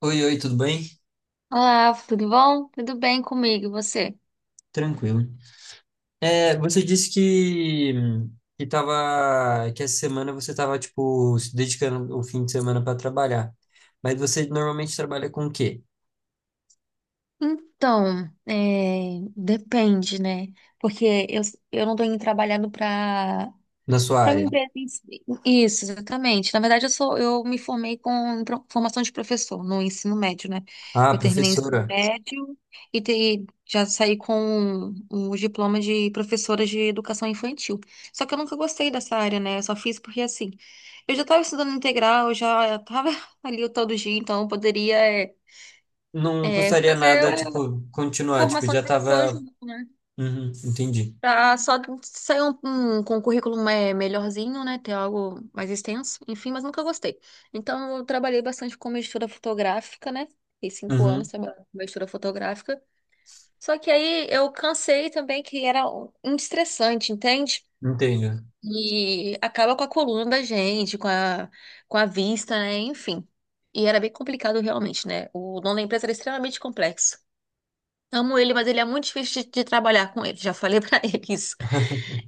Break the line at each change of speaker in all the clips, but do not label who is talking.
Oi, oi, tudo bem?
Olá, tudo bom? Tudo bem comigo, e você?
Tranquilo. É, você disse que essa semana você estava tipo, se dedicando o fim de semana para trabalhar. Mas você normalmente trabalha com o quê
Então, depende, né? Porque eu não tô indo trabalhando para
na sua
Para uma
área?
empresa em si. Isso, exatamente. Na verdade, eu me formei com formação de professor no ensino médio, né?
Ah,
Eu terminei o ensino
professora.
médio e já saí com o diploma de professora de educação infantil. Só que eu nunca gostei dessa área, né? Eu só fiz porque assim, eu já estava estudando integral, eu já estava ali todo dia, então eu poderia é,
Não custaria
fazer
nada,
uma
tipo, continuar, tipo,
formação
já
de professor
estava.
junto, né?
Uhum, entendi.
Pra só sair com um currículo melhorzinho, né? Ter algo mais extenso, enfim, mas nunca gostei. Então, eu trabalhei bastante com mistura fotográfica, né? Fiquei 5 anos
Uhum,
trabalhando com mistura fotográfica. Só que aí eu cansei também, que era um estressante, entende?
entendo.
E acaba com a coluna da gente, com a vista, né? Enfim. E era bem complicado realmente, né? O dono da empresa era extremamente complexo. Amo ele, mas ele é muito difícil de trabalhar com ele. Já falei pra ele isso.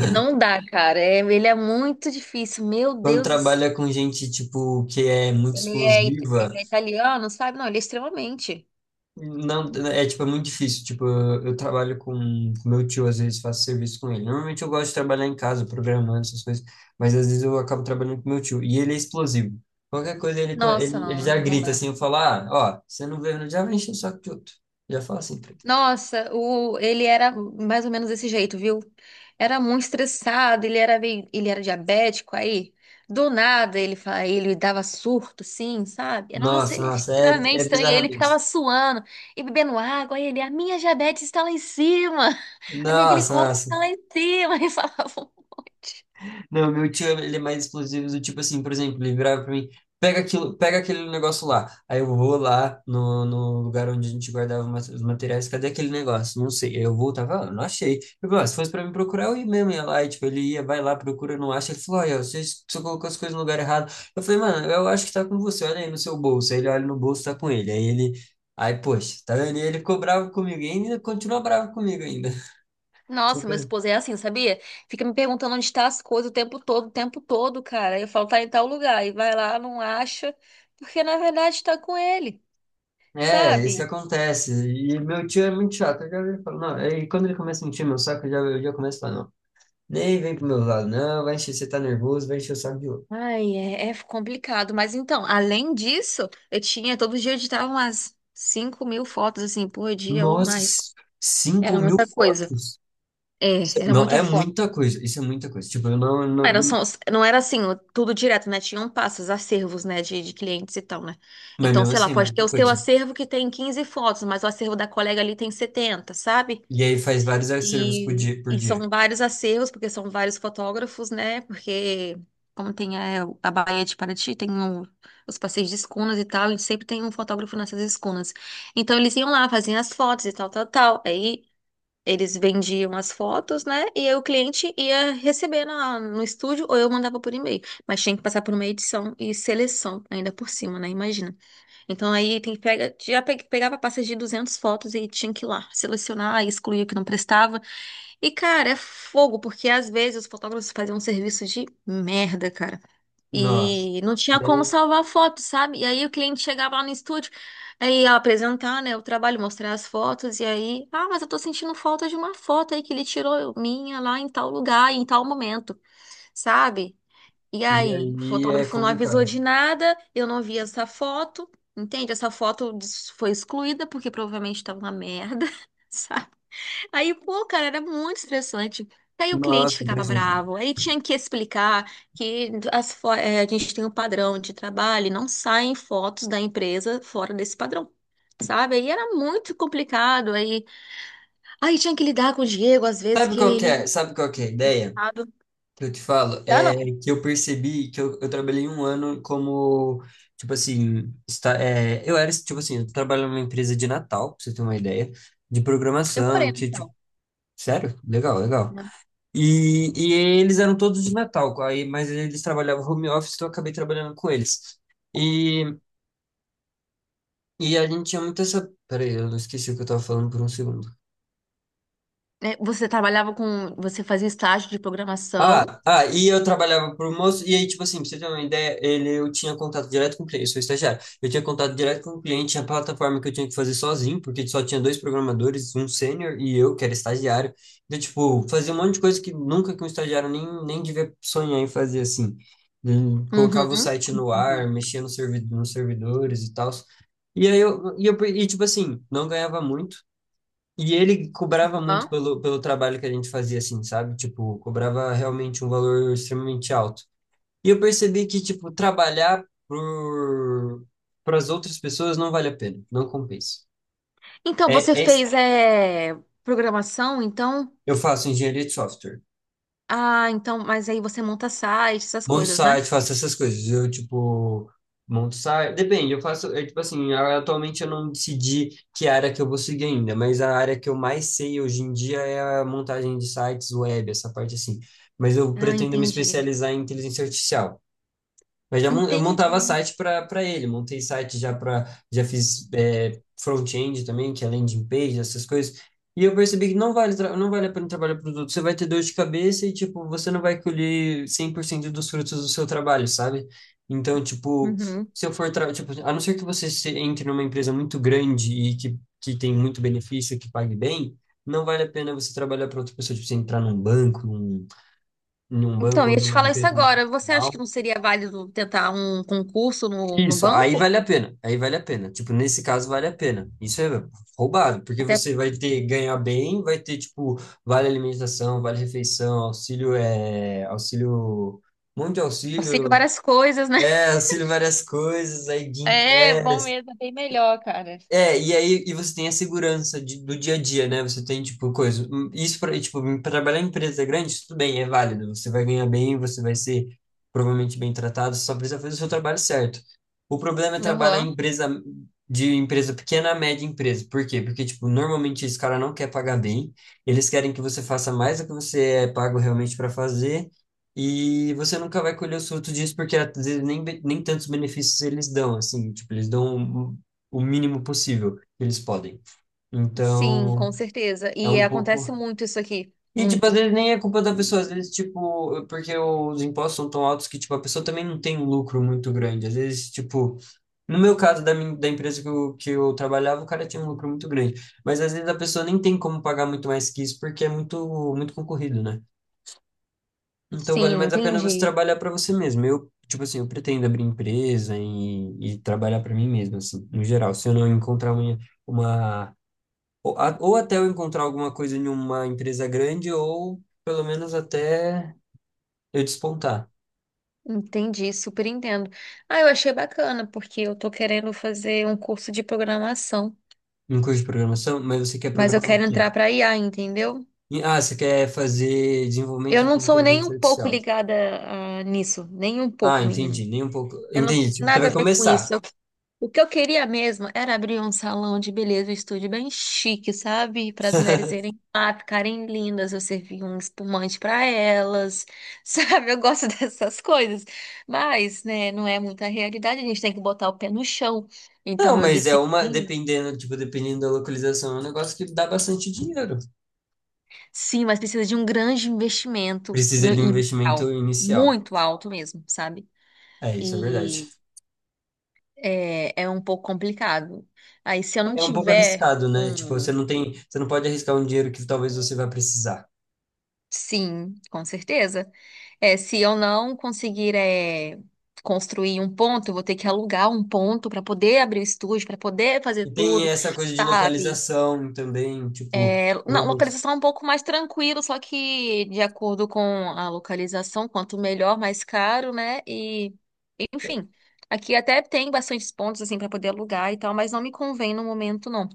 Que não dá, cara. É, ele é muito difícil. Meu
Quando
Deus do céu.
trabalha com gente, tipo, que é muito
Ele
explosiva.
é italiano, sabe? Não, ele é extremamente.
Não, é tipo, é muito difícil. Tipo, eu trabalho com meu tio, às vezes faço serviço com ele. Normalmente eu gosto de trabalhar em casa, programando essas coisas, mas às vezes eu acabo trabalhando com meu tio. E ele é explosivo. Qualquer coisa ele, co-
Nossa,
ele, ele
não,
já
não
grita
dá.
assim, eu falo, ah, ó, você não veio, já vai encher o saco de outro. Já fala assim pra ele.
Nossa, ele era mais ou menos desse jeito, viu? Era muito estressado, ele era diabético, aí do nada ele dava surto, assim, sabe? Nossa,
Nossa,
ele é
nossa, é,
extremamente
é
estranho, ele ficava
bizarramente.
suando e bebendo água, aí ele, a minha diabetes está lá em cima, a minha
Nossa,
glicose
nossa.
está lá em cima, ele falava um monte.
Não, meu tio, ele é mais explosivo do tipo assim, por exemplo, ele virava pra mim, pega aquilo, pega aquele negócio lá. Aí eu vou lá no lugar onde a gente guardava os materiais, cadê aquele negócio? Não sei. Aí eu voltava, ah, não achei. Eu falei, ah, se fosse pra mim procurar, eu ia mesmo, ia lá, e, tipo, ele ia, vai lá, procura, não acha. Ele falou, olha, você colocou as coisas no lugar errado. Eu falei, mano, eu acho que tá com você, olha aí no seu bolso. Aí ele olha no bolso, tá com ele. Aí, poxa, tá vendo? E ele ficou bravo comigo, e ainda continua bravo comigo ainda.
Nossa, meu esposo é assim, sabia? Fica me perguntando onde tá as coisas o tempo todo, cara. Eu falo, tá em tal lugar. E vai lá, não acha, porque na verdade tá com ele,
É, isso
sabe?
acontece. E meu tio é muito chato. Eu já vi, falo, não. E quando ele começa a encher meu saco, eu já começo a falar, não. Nem vem pro meu lado, não. Vai encher, você tá nervoso, vai encher o saco de outro.
Ai, é, é complicado. Mas então, além disso, eu tinha, todo dia eu editava umas 5.000 fotos, assim, por dia ou
Nossa,
mais.
5
Era
mil
muita coisa.
fotos?
É, era
Não,
muita
é
foto.
muita coisa. Isso é muita coisa. Tipo, eu não, não-
Era
não-
só- não era assim, tudo direto, né? Tinham passos, acervos, né, de clientes e tal, né?
Mas
Então,
mesmo
sei lá,
assim, é
pode ter
muita
o seu
coisa.
acervo que tem 15 fotos, mas o acervo da colega ali tem 70, sabe?
E aí faz vários acervos por dia, por
E
dia.
são vários acervos, porque são vários fotógrafos, né? Porque, como tem a Baía de Paraty, os passeios de escunas e tal, e sempre tem um fotógrafo nessas escunas. Então, eles iam lá, faziam as fotos e tal, tal, tal. Aí eles vendiam as fotos, né? E aí o cliente ia receber no estúdio ou eu mandava por e-mail. Mas tinha que passar por uma edição e seleção ainda por cima, né? Imagina. Então aí tem que pega, já pe- pegava pastas de 200 fotos e tinha que ir lá selecionar, excluir o que não prestava. E, cara, é fogo, porque às vezes os fotógrafos faziam um serviço de merda, cara.
Nossa.
E não tinha
E
como
aí,
salvar foto, sabe? E aí o cliente chegava lá no estúdio, aí ia apresentar, né, o trabalho, mostrar as fotos, e aí, ah, mas eu tô sentindo falta de uma foto aí que ele tirou minha lá em tal lugar, em tal momento, sabe? E
e
aí, o
aí é
fotógrafo não avisou
complicado.
de nada, eu não vi essa foto, entende? Foi excluída porque provavelmente tava uma merda. Aí, pô, cara, era muito estressante. Aí o cliente
Nossa,
ficava
imagina.
bravo, aí tinha que explicar que a gente tem um padrão de trabalho e não saem fotos da empresa fora desse padrão, sabe? Aí era muito complicado, aí tinha que lidar com o Diego, às vezes,
Sabe
que
qual que
ele era
é? Sabe qual que é a ideia?
errado.
Que eu te falo
Dá não,
é que eu percebi que eu trabalhei um ano como, tipo assim, está, é, eu era, tipo assim, eu trabalho numa empresa de Natal, pra você ter uma ideia, de programação,
demorei.
que, tipo, sério? Legal, legal. E eles eram todos de Natal, aí, mas eles trabalhavam home office, então eu acabei trabalhando com eles. E, e a gente tinha muito essa. Peraí, eu não esqueci o que eu tava falando por um segundo.
Né? Você trabalhava com, você fazia estágio de programação.
Ah, ah, e eu trabalhava pro moço, e aí, tipo assim, pra você ter uma ideia, eu tinha contato direto com o cliente, eu sou estagiário, eu tinha contato direto com o cliente, tinha plataforma que eu tinha que fazer sozinho, porque só tinha dois programadores, um sênior e eu, que era estagiário, então, tipo, fazia um monte de coisa que nunca que um estagiário nem devia sonhar em fazer, assim, colocava o
Uhum.
site no ar,
Entendi.
mexia no nos servidores e tal, e aí eu, e tipo assim, não ganhava muito, e ele cobrava muito
Hã?
pelo trabalho que a gente fazia, assim, sabe? Tipo, cobrava realmente um valor extremamente alto. E eu percebi que, tipo, trabalhar para as outras pessoas não vale a pena, não compensa.
Então,
É,
você
é,
fez programação, então...
eu faço engenharia de software.
Ah, então, mas aí você monta sites, essas
Monto
coisas,
site,
né?
faço essas coisas. Eu, tipo, monto site. Depende, eu faço. É, tipo assim, atualmente eu não decidi que área que eu vou seguir ainda, mas a área que eu mais sei hoje em dia é a montagem de sites web, essa parte assim. Mas eu
Ah,
pretendo me
entendi.
especializar em inteligência artificial. Mas eu
Entendi.
montava site para ele, montei site já para, já fiz front-end também, que é landing page, essas coisas. E eu percebi que não vale a pena trabalhar produto. Você vai ter dor de cabeça e, tipo, você não vai colher 100% dos frutos do seu trabalho, sabe? Então, tipo,
Uhum.
se eu for, tra- tipo, a não ser que você entre numa empresa muito grande e que tem muito benefício, que pague bem, não vale a pena você trabalhar para outra pessoa, tipo, você entrar num banco, num
Então,
banco
eu ia
ou
te
numa
falar isso
empresa
agora. Você acha
multinacional.
que não seria válido tentar um concurso no
Isso,
banco?
aí vale a pena, aí vale a pena. Tipo, nesse caso vale a pena. Isso é roubado, porque
Até
você vai ter ganhar bem, vai ter tipo vale alimentação, vale refeição, auxílio é auxílio, um monte de
auxílio
auxílio,
várias coisas, né?
é auxílio várias coisas, aí Guinpe
É, bom mesmo, é bem melhor, cara.
é, e aí e você tem a segurança do dia a dia, né? Você tem, tipo, coisa. Isso tipo, pra trabalhar em empresa grande, isso tudo bem, é válido. Você vai ganhar bem, você vai ser provavelmente bem tratado, você só precisa fazer o seu trabalho certo. O problema é trabalhar em
Uhum.
empresa de empresa pequena a média empresa. Por quê? Porque, tipo, normalmente esse cara não quer pagar bem, eles querem que você faça mais do que você é pago realmente para fazer. E você nunca vai colher os frutos disso, porque às vezes nem tantos benefícios eles dão, assim, tipo, eles dão o mínimo possível que eles podem.
Sim, com
Então,
certeza.
é
E
um pouco.
acontece muito isso aqui.
E, tipo, às
Muito.
vezes nem é culpa da pessoa, às vezes, tipo, porque os impostos são tão altos que, tipo, a pessoa também não tem um lucro muito grande. Às vezes, tipo, no meu caso, da empresa que eu trabalhava, o cara tinha um lucro muito grande. Mas às vezes a pessoa nem tem como pagar muito mais que isso porque é muito, muito concorrido, né? Então vale
Sim,
mais a pena você
entendi.
trabalhar para você mesmo. Eu, tipo assim, eu pretendo abrir empresa e trabalhar para mim mesmo, assim, no geral. Se eu não encontrar uma, uma ou até eu encontrar alguma coisa em uma empresa grande, ou pelo menos até eu despontar
Entendi, super entendo. Ah, eu achei bacana, porque eu tô querendo fazer um curso de programação,
em curso de programação. Mas você quer
mas eu
programar o
quero
quê?
entrar pra IA, entendeu?
Ah, você quer fazer
Eu
desenvolvimento de
não sou nem
inteligência
um pouco
artificial.
ligada, ah, nisso, nem um
Ah,
pouco, menino.
entendi, nem um pouco.
Eu não,
Entendi, tipo, você
nada
vai
a ver com
começar.
isso. Eu- o que eu queria mesmo era abrir um salão de beleza, um estúdio bem chique, sabe? Para as mulheres irem lá, ficarem lindas, eu servir um espumante para elas, sabe? Eu gosto dessas coisas. Mas, né, não é muita realidade, a gente tem que botar o pé no chão.
Não,
Então eu
mas
decidi,
dependendo, tipo, dependendo da localização, é um negócio que dá bastante dinheiro.
sim, mas precisa de um grande investimento
Precisa
no
de um investimento
inicial,
inicial.
muito alto mesmo, sabe?
É isso, é verdade.
E é, é um pouco complicado. Aí, se eu não
É um pouco
tiver
arriscado, né? Tipo,
um
você não pode arriscar um dinheiro que talvez você vá precisar.
sim, com certeza. É, se eu não conseguir construir um ponto, eu vou ter que alugar um ponto para poder abrir o estúdio, para poder fazer
E tem
tudo,
essa coisa de
sabe?
localização também, tipo,
É, não,
realmente.
localização é um pouco mais tranquilo, só que de acordo com a localização, quanto melhor, mais caro, né? E, enfim, aqui até tem bastantes pontos assim para poder alugar e tal, mas não me convém no momento, não.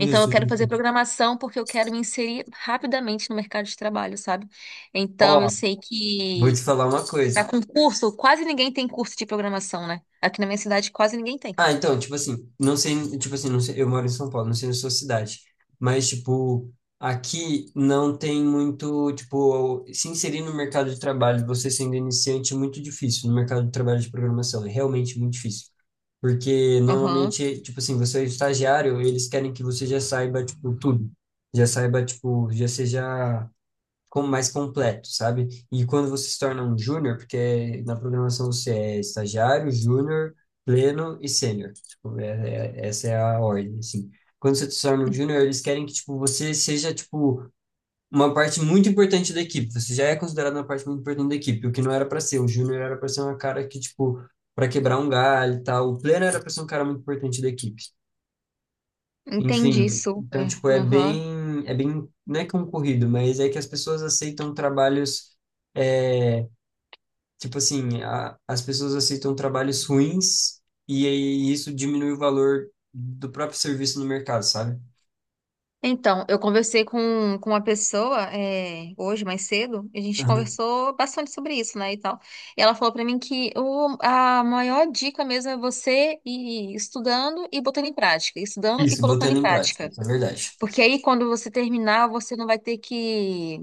Então, eu quero fazer
justo.
programação porque eu quero me inserir rapidamente no mercado de trabalho, sabe? Então, eu
Ó,
sei
vou te
que
falar uma
para
coisa.
concurso, quase ninguém tem curso de programação, né? Aqui na minha cidade, quase ninguém tem.
Ah, então, tipo assim, não sei, eu moro em São Paulo, não sei na sua cidade, mas, tipo, aqui não tem muito, tipo, se inserir no mercado de trabalho, você sendo iniciante, é muito difícil, no mercado de trabalho de programação, é realmente muito difícil. Porque
Aham.
normalmente, tipo assim, você é estagiário, eles querem que você já saiba, tipo, tudo. Já saiba, tipo, já seja como mais completo, sabe? E quando você se torna um júnior, porque na programação você é estagiário, júnior, pleno e sênior. Tipo, essa é a ordem, assim. Quando você se torna um júnior, eles querem que, tipo, você seja, tipo, uma parte muito importante da equipe. Você já é considerado uma parte muito importante da equipe, o que não era para ser. O júnior era para ser uma cara que, tipo, para quebrar um galho e tal. O pleno era para ser um cara muito importante da equipe.
Entendi,
Enfim, então,
super.
tipo, é
Aham.
bem, é bem, não é concorrido, mas é que as pessoas aceitam trabalhos, é, tipo assim, a- as pessoas aceitam trabalhos ruins e aí isso diminui o valor do próprio serviço no mercado, sabe?
Então, eu conversei com uma pessoa hoje, mais cedo, e a gente
Aham.
conversou bastante sobre isso, né, e tal. E ela falou pra mim que a maior dica mesmo é você ir estudando e botando em prática, estudando e
Isso,
colocando
botando
em
em prática,
prática.
isso é verdade.
Porque aí, quando você terminar, você não vai ter que.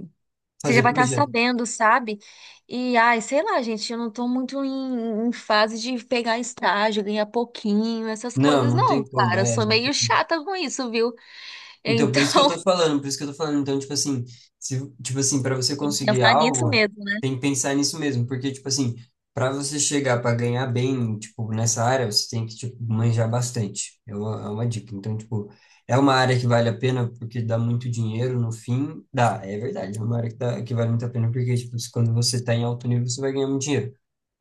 Você já
Fazer
vai estar
projeto.
sabendo, sabe? E, ai, sei lá, gente, eu não tô muito em fase de pegar estágio, ganhar pouquinho, essas
Não,
coisas,
não
não,
tem como,
cara. Eu
é
sou meio
exatamente.
chata com isso, viu?
Então, por isso que eu
Então,
tô falando, por isso que eu tô falando. Então, tipo assim, se, tipo assim, para você
tem que
conseguir
pensar nisso
algo,
mesmo, né?
tem que pensar nisso mesmo, porque, tipo assim, para você chegar para ganhar bem, tipo, nessa área, você tem que, tipo, manjar bastante. É uma dica. Então, tipo, é uma área que vale a pena porque dá muito dinheiro no fim. Dá, é verdade. É uma área que vale muito a pena porque, tipo, quando você tá em alto nível, você vai ganhar muito dinheiro.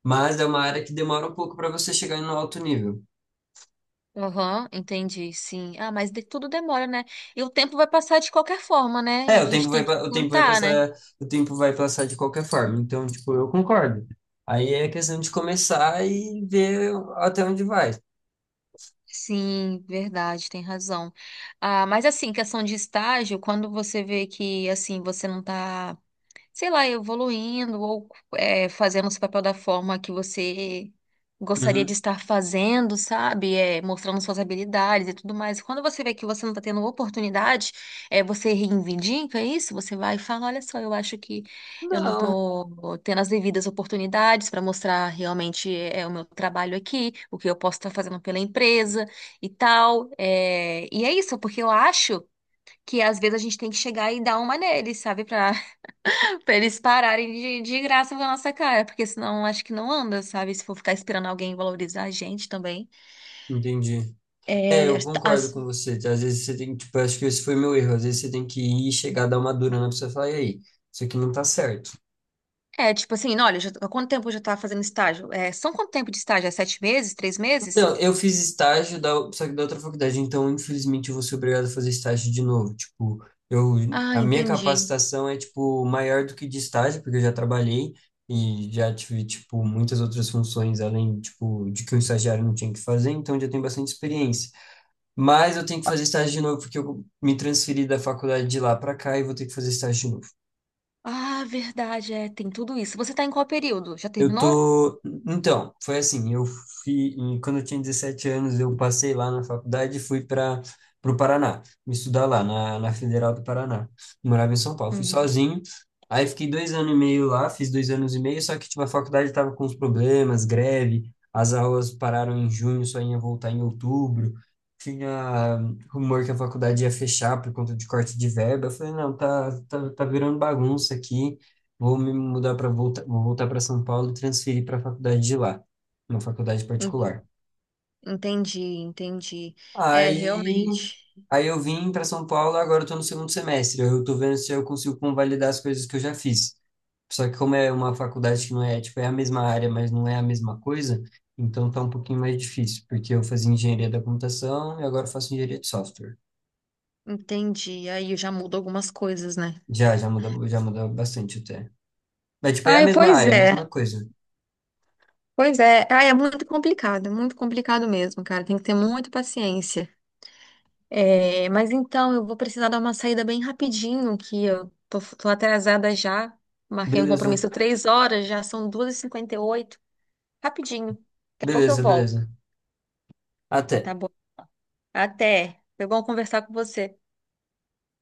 Mas é uma área que demora um pouco para você chegar no alto nível.
Aham, entendi, sim. Ah, mas tudo demora, né? E o tempo vai passar de qualquer forma, né?
É,
A gente tem que
o tempo vai
tentar, né?
passar, o tempo vai passar de qualquer forma. Então, tipo, eu concordo. Aí é questão de começar e ver até onde vai.
Sim, verdade, tem razão. Ah, mas assim, questão de estágio, quando você vê que assim, você não tá sei lá, evoluindo ou fazendo esse papel da forma que você gostaria de
Uhum.
estar fazendo, sabe? É, mostrando suas habilidades e tudo mais. Quando você vê que você não está tendo oportunidade, é, você reivindica isso, você vai e fala, olha só, eu acho que eu não
Não,
estou tendo as devidas oportunidades para mostrar realmente o meu trabalho aqui, o que eu posso estar fazendo pela empresa e tal. É, e é isso, porque eu acho que às vezes a gente tem que chegar e dar uma nele, sabe? Pra pra eles pararem de graça com a nossa cara, porque senão acho que não anda, sabe? Se for ficar esperando alguém valorizar a gente também.
entendi. É,
É,
eu concordo com você. Às vezes você tem que, tipo, acho que esse foi meu erro. Às vezes você tem que ir, chegar, dar uma dura na pessoa e falar, e aí, isso aqui não tá certo.
é tipo assim, olha, há quanto tempo eu já tava fazendo estágio? É, são quanto tempo de estágio? É 7 meses? 3 meses?
Não, eu fiz estágio só que da outra faculdade, então infelizmente eu vou ser obrigado a fazer estágio de novo. Tipo,
Ah,
a minha
entendi.
capacitação é tipo maior do que de estágio, porque eu já trabalhei e já tive tipo muitas outras funções além tipo de que um estagiário não tinha que fazer, então eu já tenho bastante experiência. Mas eu tenho que fazer estágio de novo porque eu me transferi da faculdade de lá para cá e vou ter que fazer estágio de novo.
Ah, verdade, é, tem tudo isso. Você tá em qual período? Já
Eu
terminou?
tô. Então, foi assim, Quando eu tinha 17 anos, eu passei lá na faculdade e fui para o Paraná, me estudar lá, na Federal do Paraná. Morava em São Paulo, fui
Uhum.
sozinho. Aí fiquei 2 anos e meio lá, fiz 2 anos e meio, só que tipo, a faculdade estava com uns problemas, greve, as aulas pararam em junho, só ia voltar em outubro. Tinha rumor que a faculdade ia fechar por conta de corte de verba. Eu falei, não, tá, virando bagunça aqui. Vou me mudar para voltar, vou voltar para São Paulo e transferir para a faculdade de lá, uma faculdade
En-
particular.
Entendi, entendi. É,
Aí,
realmente.
aí, eu vim para São Paulo, agora eu tô no segundo semestre. Eu tô vendo se eu consigo convalidar as coisas que eu já fiz. Só que como é uma faculdade que não é, tipo, é a mesma área, mas não é a mesma coisa, então tá um pouquinho mais difícil, porque eu fazia engenharia da computação e agora eu faço engenharia de software.
Entendi. Aí já muda algumas coisas, né?
Já, muda já muda bastante até. Mas, tipo, é a
Ai,
mesma
pois
área, a
é.
mesma coisa.
Pois é, ah, é muito complicado mesmo, cara. Tem que ter muita paciência. É, mas então eu vou precisar dar uma saída bem rapidinho, que eu tô atrasada já. Marquei um
Beleza,
compromisso 3 horas, já são 2:58. Rapidinho. Daqui a pouco eu
beleza,
volto,
beleza. Até.
tá bom? Até. Foi bom conversar com você.